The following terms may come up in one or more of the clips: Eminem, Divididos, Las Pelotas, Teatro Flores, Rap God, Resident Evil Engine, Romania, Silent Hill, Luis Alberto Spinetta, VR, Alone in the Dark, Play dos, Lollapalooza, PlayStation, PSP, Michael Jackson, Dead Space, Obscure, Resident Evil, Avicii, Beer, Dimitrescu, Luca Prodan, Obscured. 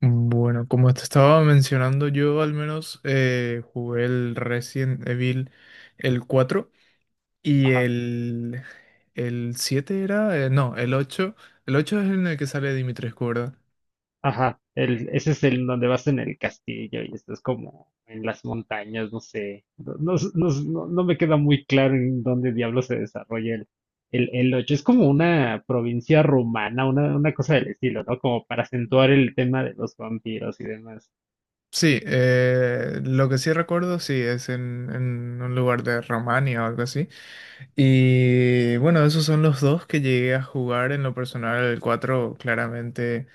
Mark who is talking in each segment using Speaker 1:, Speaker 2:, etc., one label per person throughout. Speaker 1: Bueno, como te estaba mencionando, yo al menos jugué el Resident Evil el 4 y
Speaker 2: Ajá,
Speaker 1: el, el 7 era, no, el ocho. El 8 es en el que sale Dimitrescu, ¿verdad?
Speaker 2: ajá. El, ese es el donde vas en el castillo y estás como en las montañas, no sé. No, no, no me queda muy claro en dónde diablo se desarrolla el 8. Es como una provincia rumana, una cosa del estilo, ¿no? Como para acentuar el tema de los vampiros y demás.
Speaker 1: Sí, lo que sí recuerdo, sí, es en un lugar de Romania o algo así. Y bueno, esos son los dos que llegué a jugar en lo personal. El 4 claramente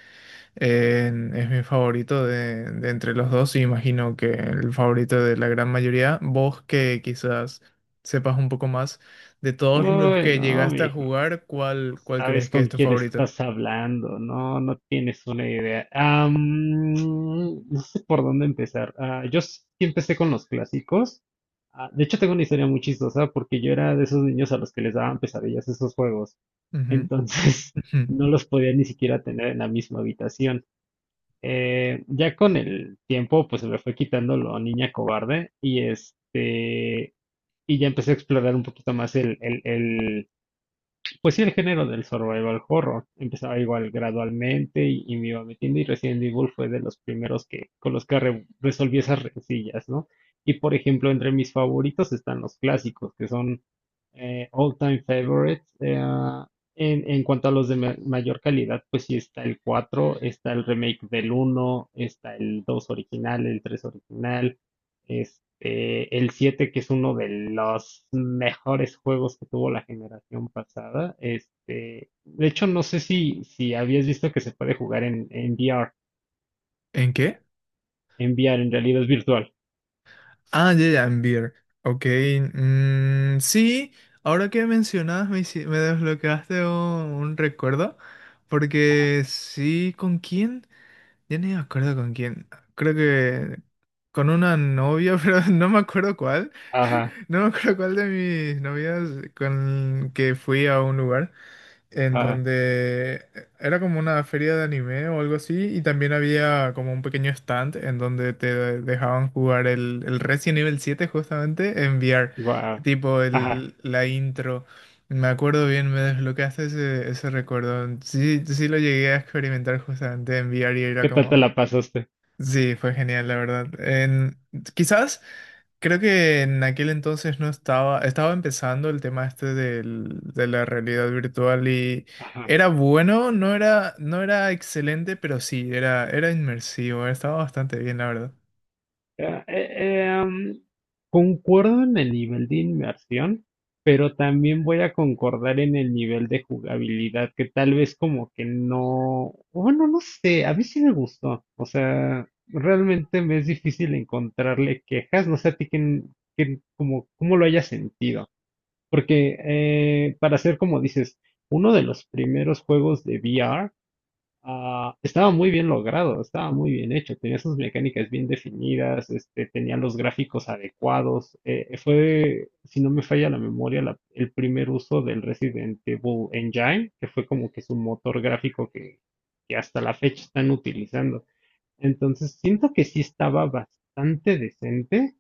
Speaker 1: Es mi favorito de entre los dos y imagino que el favorito de la gran mayoría. Vos que quizás sepas un poco más de todos los
Speaker 2: Uy,
Speaker 1: que
Speaker 2: no,
Speaker 1: llegaste a jugar, ¿ cuál crees
Speaker 2: sabes
Speaker 1: que es
Speaker 2: con
Speaker 1: tu
Speaker 2: quién
Speaker 1: favorito?
Speaker 2: estás hablando, no, no tienes una idea. No sé por dónde empezar. Yo sí empecé con los clásicos. Ah, de hecho, tengo una historia muy chistosa porque yo era de esos niños a los que les daban pesadillas esos juegos.
Speaker 1: Ujú,
Speaker 2: Entonces,
Speaker 1: ujú.
Speaker 2: no los podía ni siquiera tener en la misma habitación. Ya con el tiempo, pues se me fue quitando lo niña cobarde y y ya empecé a explorar un poquito más pues sí, el género del survival horror empezaba igual gradualmente y me iba metiendo, y Resident Evil fue de los primeros que con los que resolví esas rencillas, ¿no? Y por ejemplo, entre mis favoritos están los clásicos, que son all time favorites. En cuanto a los de mayor calidad, pues sí está el 4, está el remake del uno, está el 2 original, el 3 original, el siete, que es uno de los mejores juegos que tuvo la generación pasada. De hecho, no sé si, si habías visto que se puede jugar en VR.
Speaker 1: ¿En qué?
Speaker 2: En VR, en realidad es virtual.
Speaker 1: Ah, ya, ya, en Beer. Ok, mm, sí, ahora que mencionas me desbloqueaste un recuerdo, porque sí, ¿con quién? Yo no me acuerdo con quién. Creo que con una novia, pero no me acuerdo cuál.
Speaker 2: Ajá,
Speaker 1: No me acuerdo cuál de mis novias con que fui a un lugar en
Speaker 2: ah,
Speaker 1: donde era como una feria de anime o algo así, y también había como un pequeño stand en donde te dejaban jugar el Resident Evil 7 justamente en VR,
Speaker 2: guau.
Speaker 1: tipo
Speaker 2: Ajá.
Speaker 1: la intro. Me acuerdo bien, me desbloqueaste ese recuerdo. Sí, sí lo llegué a experimentar justamente en VR y era
Speaker 2: ¿Qué tal te
Speaker 1: como...
Speaker 2: la pasaste?
Speaker 1: Sí, fue genial, la verdad. En, quizás creo que en aquel entonces no estaba, estaba empezando el tema este de la realidad virtual y era bueno, no era excelente, pero sí, era inmersivo, estaba bastante bien, la verdad.
Speaker 2: Eh, eh, em, Concuerdo en el nivel de inmersión, pero también voy a concordar en el nivel de jugabilidad, que tal vez como que no, bueno, no sé, a mí sí me gustó, o sea, realmente me es difícil encontrarle quejas, no sé a ti que, como, cómo lo hayas sentido, porque para ser como dices, uno de los primeros juegos de VR, estaba muy bien logrado, estaba muy bien hecho, tenía sus mecánicas bien definidas, tenía los gráficos adecuados. Fue, si no me falla la memoria, el primer uso del Resident Evil Engine, que fue como que su motor gráfico que hasta la fecha están utilizando. Entonces, siento que sí estaba bastante decente,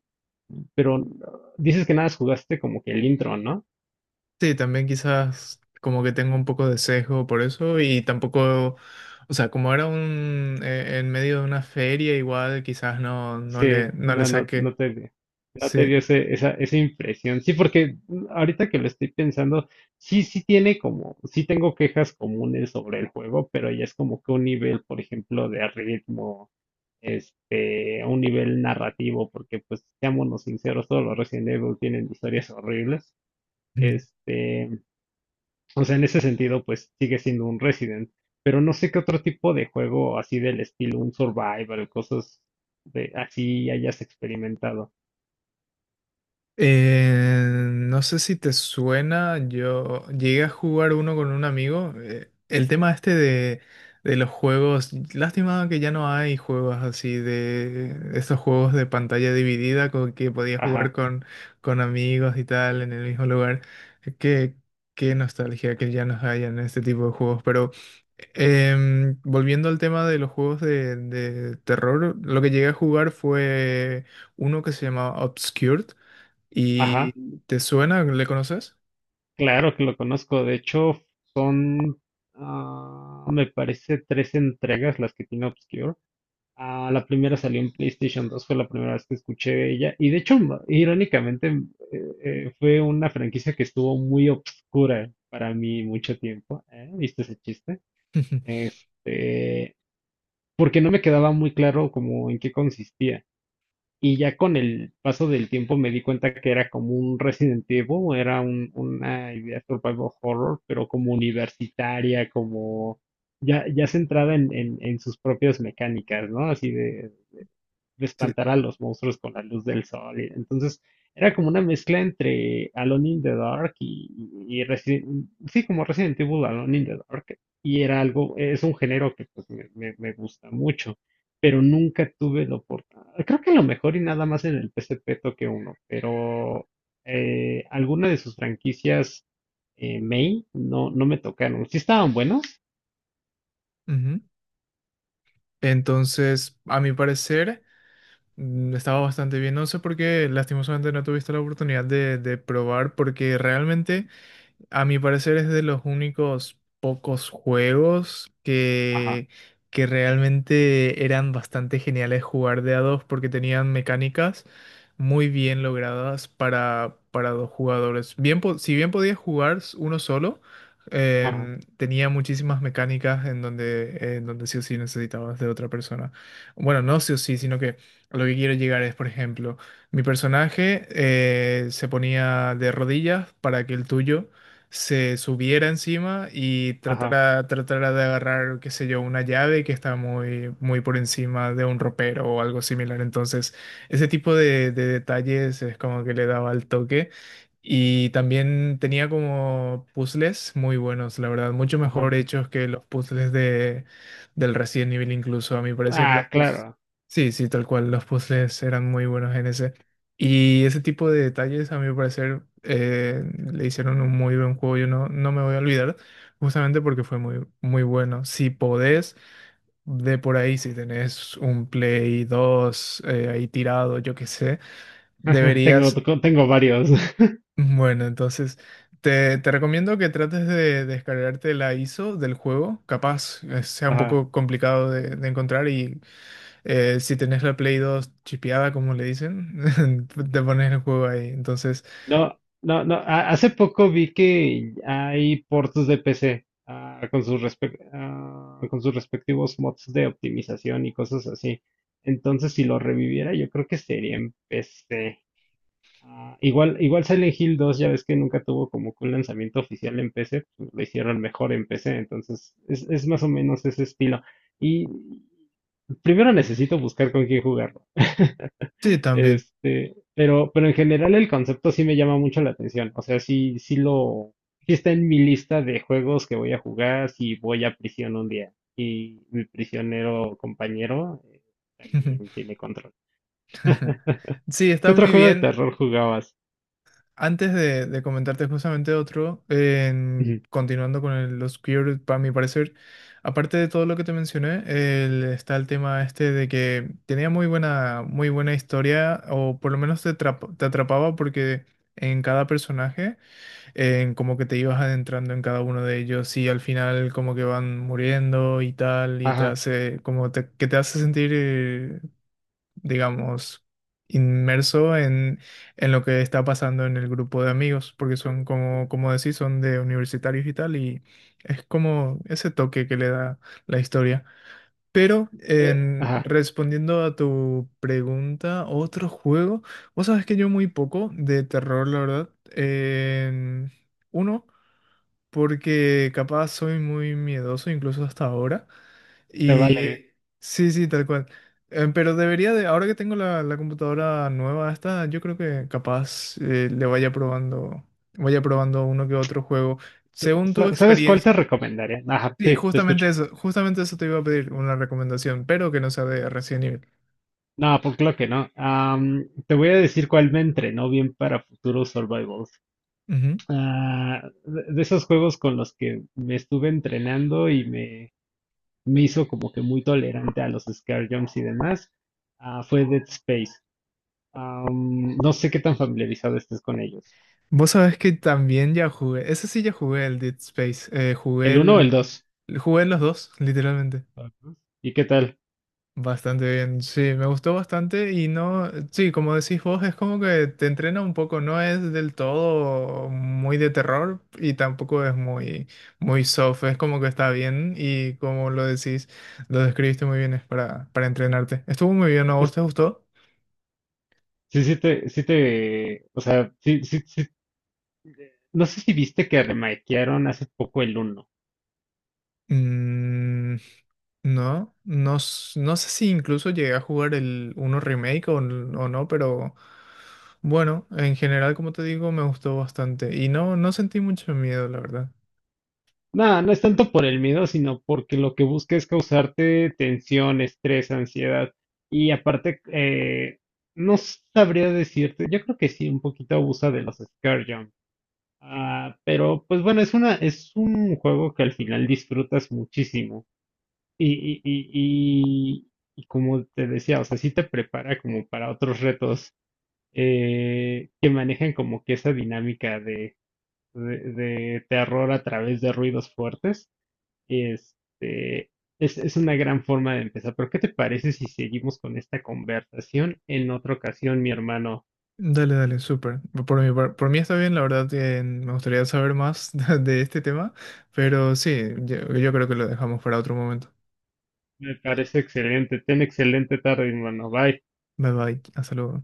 Speaker 2: pero dices que nada más jugaste como que el intro, ¿no?
Speaker 1: Sí, también quizás como que tengo un poco de sesgo por eso y tampoco, o sea, como era en medio de una feria, igual quizás no,
Speaker 2: Sí,
Speaker 1: no le saqué.
Speaker 2: no te
Speaker 1: Sí.
Speaker 2: dio esa, esa impresión. Sí, porque ahorita que lo estoy pensando, sí, sí tiene como, sí tengo quejas comunes sobre el juego, pero ya es como que un nivel, por ejemplo, de ritmo, a un nivel narrativo, porque pues seámonos sinceros, todos los Resident Evil tienen historias horribles. Este, o sea, en ese sentido, pues sigue siendo un Resident. Pero no sé qué otro tipo de juego así del estilo, un survival, cosas de así hayas experimentado.
Speaker 1: Eh, no sé si te suena, yo llegué a jugar uno con un amigo. El tema este de los juegos, lástima que ya no hay juegos así, de estos juegos de pantalla dividida con que podías jugar
Speaker 2: Ajá,
Speaker 1: con amigos y tal en el mismo lugar. Qué, qué nostalgia que ya no hayan este tipo de juegos, pero... volviendo al tema de los juegos de terror, lo que llegué a jugar fue uno que se llamaba Obscured. ¿Y
Speaker 2: ajá.
Speaker 1: te suena? ¿Le conoces?
Speaker 2: Claro que lo conozco. De hecho, son, ah, me parece, tres entregas las que tiene Obscure. Ah, la primera salió en PlayStation dos, fue la primera vez que escuché de ella. Y de hecho, irónicamente, eh, fue una franquicia que estuvo muy obscura para mí mucho tiempo. ¿Eh? ¿Viste ese chiste? Este, Porque no me quedaba muy claro como en qué consistía. Y ya con el paso del tiempo me di cuenta que era como un Resident Evil, era una idea survival horror, pero como universitaria, como ya, ya centrada en sus propias mecánicas, ¿no? Así de
Speaker 1: Sí.
Speaker 2: espantar a los monstruos con la luz del sol. Entonces, era como una mezcla entre Alone in the Dark y sí, como Resident Evil Alone in the Dark. Y era algo, es un género que pues me, me gusta mucho, pero nunca tuve la oportunidad. Creo que a lo mejor y nada más en el PSP toqué uno, pero alguna de sus franquicias main no, no me tocaron. Sí estaban buenos.
Speaker 1: Ujú. Entonces, a mi parecer, mm, estaba bastante bien. No sé por qué, lastimosamente, no tuviste la oportunidad de probar, porque realmente, a mi parecer, es de los únicos pocos juegos
Speaker 2: Ajá,
Speaker 1: que realmente eran bastante geniales jugar de a dos, porque tenían mecánicas muy bien logradas para dos jugadores. Bien, si bien podía jugar uno solo,
Speaker 2: ajá,
Speaker 1: tenía muchísimas mecánicas en donde sí o sí necesitabas de otra persona. Bueno, no sí o sí, sino que a lo que quiero llegar es, por ejemplo, mi personaje se ponía de rodillas para que el tuyo se subiera encima y
Speaker 2: ajá,
Speaker 1: tratara de agarrar, qué sé yo, una llave que está muy, muy por encima de un ropero o algo similar. Entonces, ese tipo de detalles es como que le daba el toque. Y también tenía como puzzles muy buenos, la verdad, mucho
Speaker 2: ajá.
Speaker 1: mejor hechos que los puzzles del Resident Evil incluso. A mi parecer los
Speaker 2: Ah,
Speaker 1: puzzles...
Speaker 2: claro.
Speaker 1: Sí, sí, tal cual, los puzzles eran muy buenos en ese. Y ese tipo de detalles, a mi parecer, le hicieron un muy buen juego. Yo no me voy a olvidar, justamente porque fue muy, muy bueno. Si podés... De por ahí, si tenés un Play dos ahí tirado, yo qué sé,
Speaker 2: Tengo,
Speaker 1: deberías...
Speaker 2: tengo varios.
Speaker 1: Bueno, entonces te recomiendo que trates de descargarte la ISO del juego. Capaz sea un
Speaker 2: Ajá.
Speaker 1: poco complicado de encontrar y si tenés la Play dos chipeada, como le dicen, te pones el juego ahí. Entonces,
Speaker 2: No, no, no. Hace poco vi que hay ports de PC con sus con sus respectivos mods de optimización y cosas así. Entonces, si lo reviviera, yo creo que sería en PC. Igual, igual Silent Hill dos ya ves que nunca tuvo como que un lanzamiento oficial en PC, pues lo hicieron mejor en PC. Entonces, es más o menos ese estilo. Y primero necesito buscar con quién jugarlo.
Speaker 1: sí, también.
Speaker 2: Pero en general el concepto sí me llama mucho la atención. O sea, sí, sí lo, sí está en mi lista de juegos que voy a jugar si voy a prisión un día. Y mi prisionero compañero también tiene control.
Speaker 1: Sí,
Speaker 2: ¿Qué
Speaker 1: está
Speaker 2: otro
Speaker 1: muy
Speaker 2: juego de
Speaker 1: bien.
Speaker 2: terror jugabas?
Speaker 1: Antes de comentarte justamente otro,
Speaker 2: Ujú.
Speaker 1: continuando con los queer, para mi parecer, aparte de todo lo que te mencioné, está el tema este de que tenía muy buena historia, o por lo menos te atrapaba porque en cada personaje, en como que te ibas adentrando en cada uno de ellos y al final como que van muriendo y tal, y te
Speaker 2: Ajá,
Speaker 1: hace, como que te hace sentir, digamos, inmerso en lo que está pasando en el grupo de amigos, porque son como, como decís, son de universitarios y tal, y es como ese toque que le da la historia. Pero
Speaker 2: ajá,
Speaker 1: respondiendo a tu pregunta, otro juego, vos sabés que yo muy poco de terror, la verdad. En uno, porque capaz soy muy miedoso, incluso hasta ahora.
Speaker 2: te
Speaker 1: Y
Speaker 2: vale.
Speaker 1: sí, sí, tal cual. Pero debería de, ahora que tengo la computadora nueva esta, yo creo que capaz le vaya probando uno que otro juego. Según tu
Speaker 2: ¿Sabes cuál
Speaker 1: experiencia,
Speaker 2: te recomendaría? Ajá,
Speaker 1: sí,
Speaker 2: sí, te escucho.
Speaker 1: justamente eso te iba a pedir, una recomendación, pero que no sea de Resident Evil.
Speaker 2: No, pues claro que no. Te voy a decir cuál me entrenó bien para futuros survivals.
Speaker 1: Ujú.
Speaker 2: Ah, de esos juegos con los que me estuve entrenando y me hizo como que muy tolerante a los scare jumps y demás, ah, fue Dead Space. No sé qué tan familiarizado estés con ellos.
Speaker 1: Vos sabés que también ya jugué, ese sí ya jugué el Dead Space, jugué
Speaker 2: ¿El uno o el dos?
Speaker 1: jugué los dos, literalmente.
Speaker 2: Ajá. ¿Y qué tal?
Speaker 1: Bastante bien, sí, me gustó bastante y no, sí, como decís vos, es como que te entrena un poco, no es del todo muy de terror y tampoco es muy, muy soft, es como que está bien y como lo decís, lo describiste muy bien, es para entrenarte. Estuvo muy bien, ¿no? ¿A vos
Speaker 2: Es-
Speaker 1: te gustó?
Speaker 2: Sí, o sea, no sé si viste que remakearon hace poco el uno.
Speaker 1: Mm, no, no, no sé si incluso llegué a jugar el uno remake o, o no, pero bueno, en general, como te digo, me gustó bastante y no, no sentí mucho miedo, la verdad.
Speaker 2: Nada, no es tanto por el miedo, sino porque lo que busca es causarte tensión, estrés, ansiedad. Y aparte, no sabría decirte, yo creo que sí, un poquito abusa de los scare jump. Ah, pero pues bueno, es una, es un juego que al final disfrutas muchísimo. Y, y, y, y, y como te decía, o sea, sí te prepara como para otros retos que manejan como que esa dinámica de terror a través de ruidos fuertes. Este, es una gran forma de empezar, pero ¿qué te parece si seguimos con esta conversación en otra ocasión, mi hermano?
Speaker 1: Dale, dale, súper. Por mí está bien, la verdad que me gustaría saber más de este tema, pero sí, yo creo que lo dejamos para otro momento.
Speaker 2: Me parece excelente. Ten excelente tarde, mi hermano. Bye.
Speaker 1: Bye bye, hasta luego.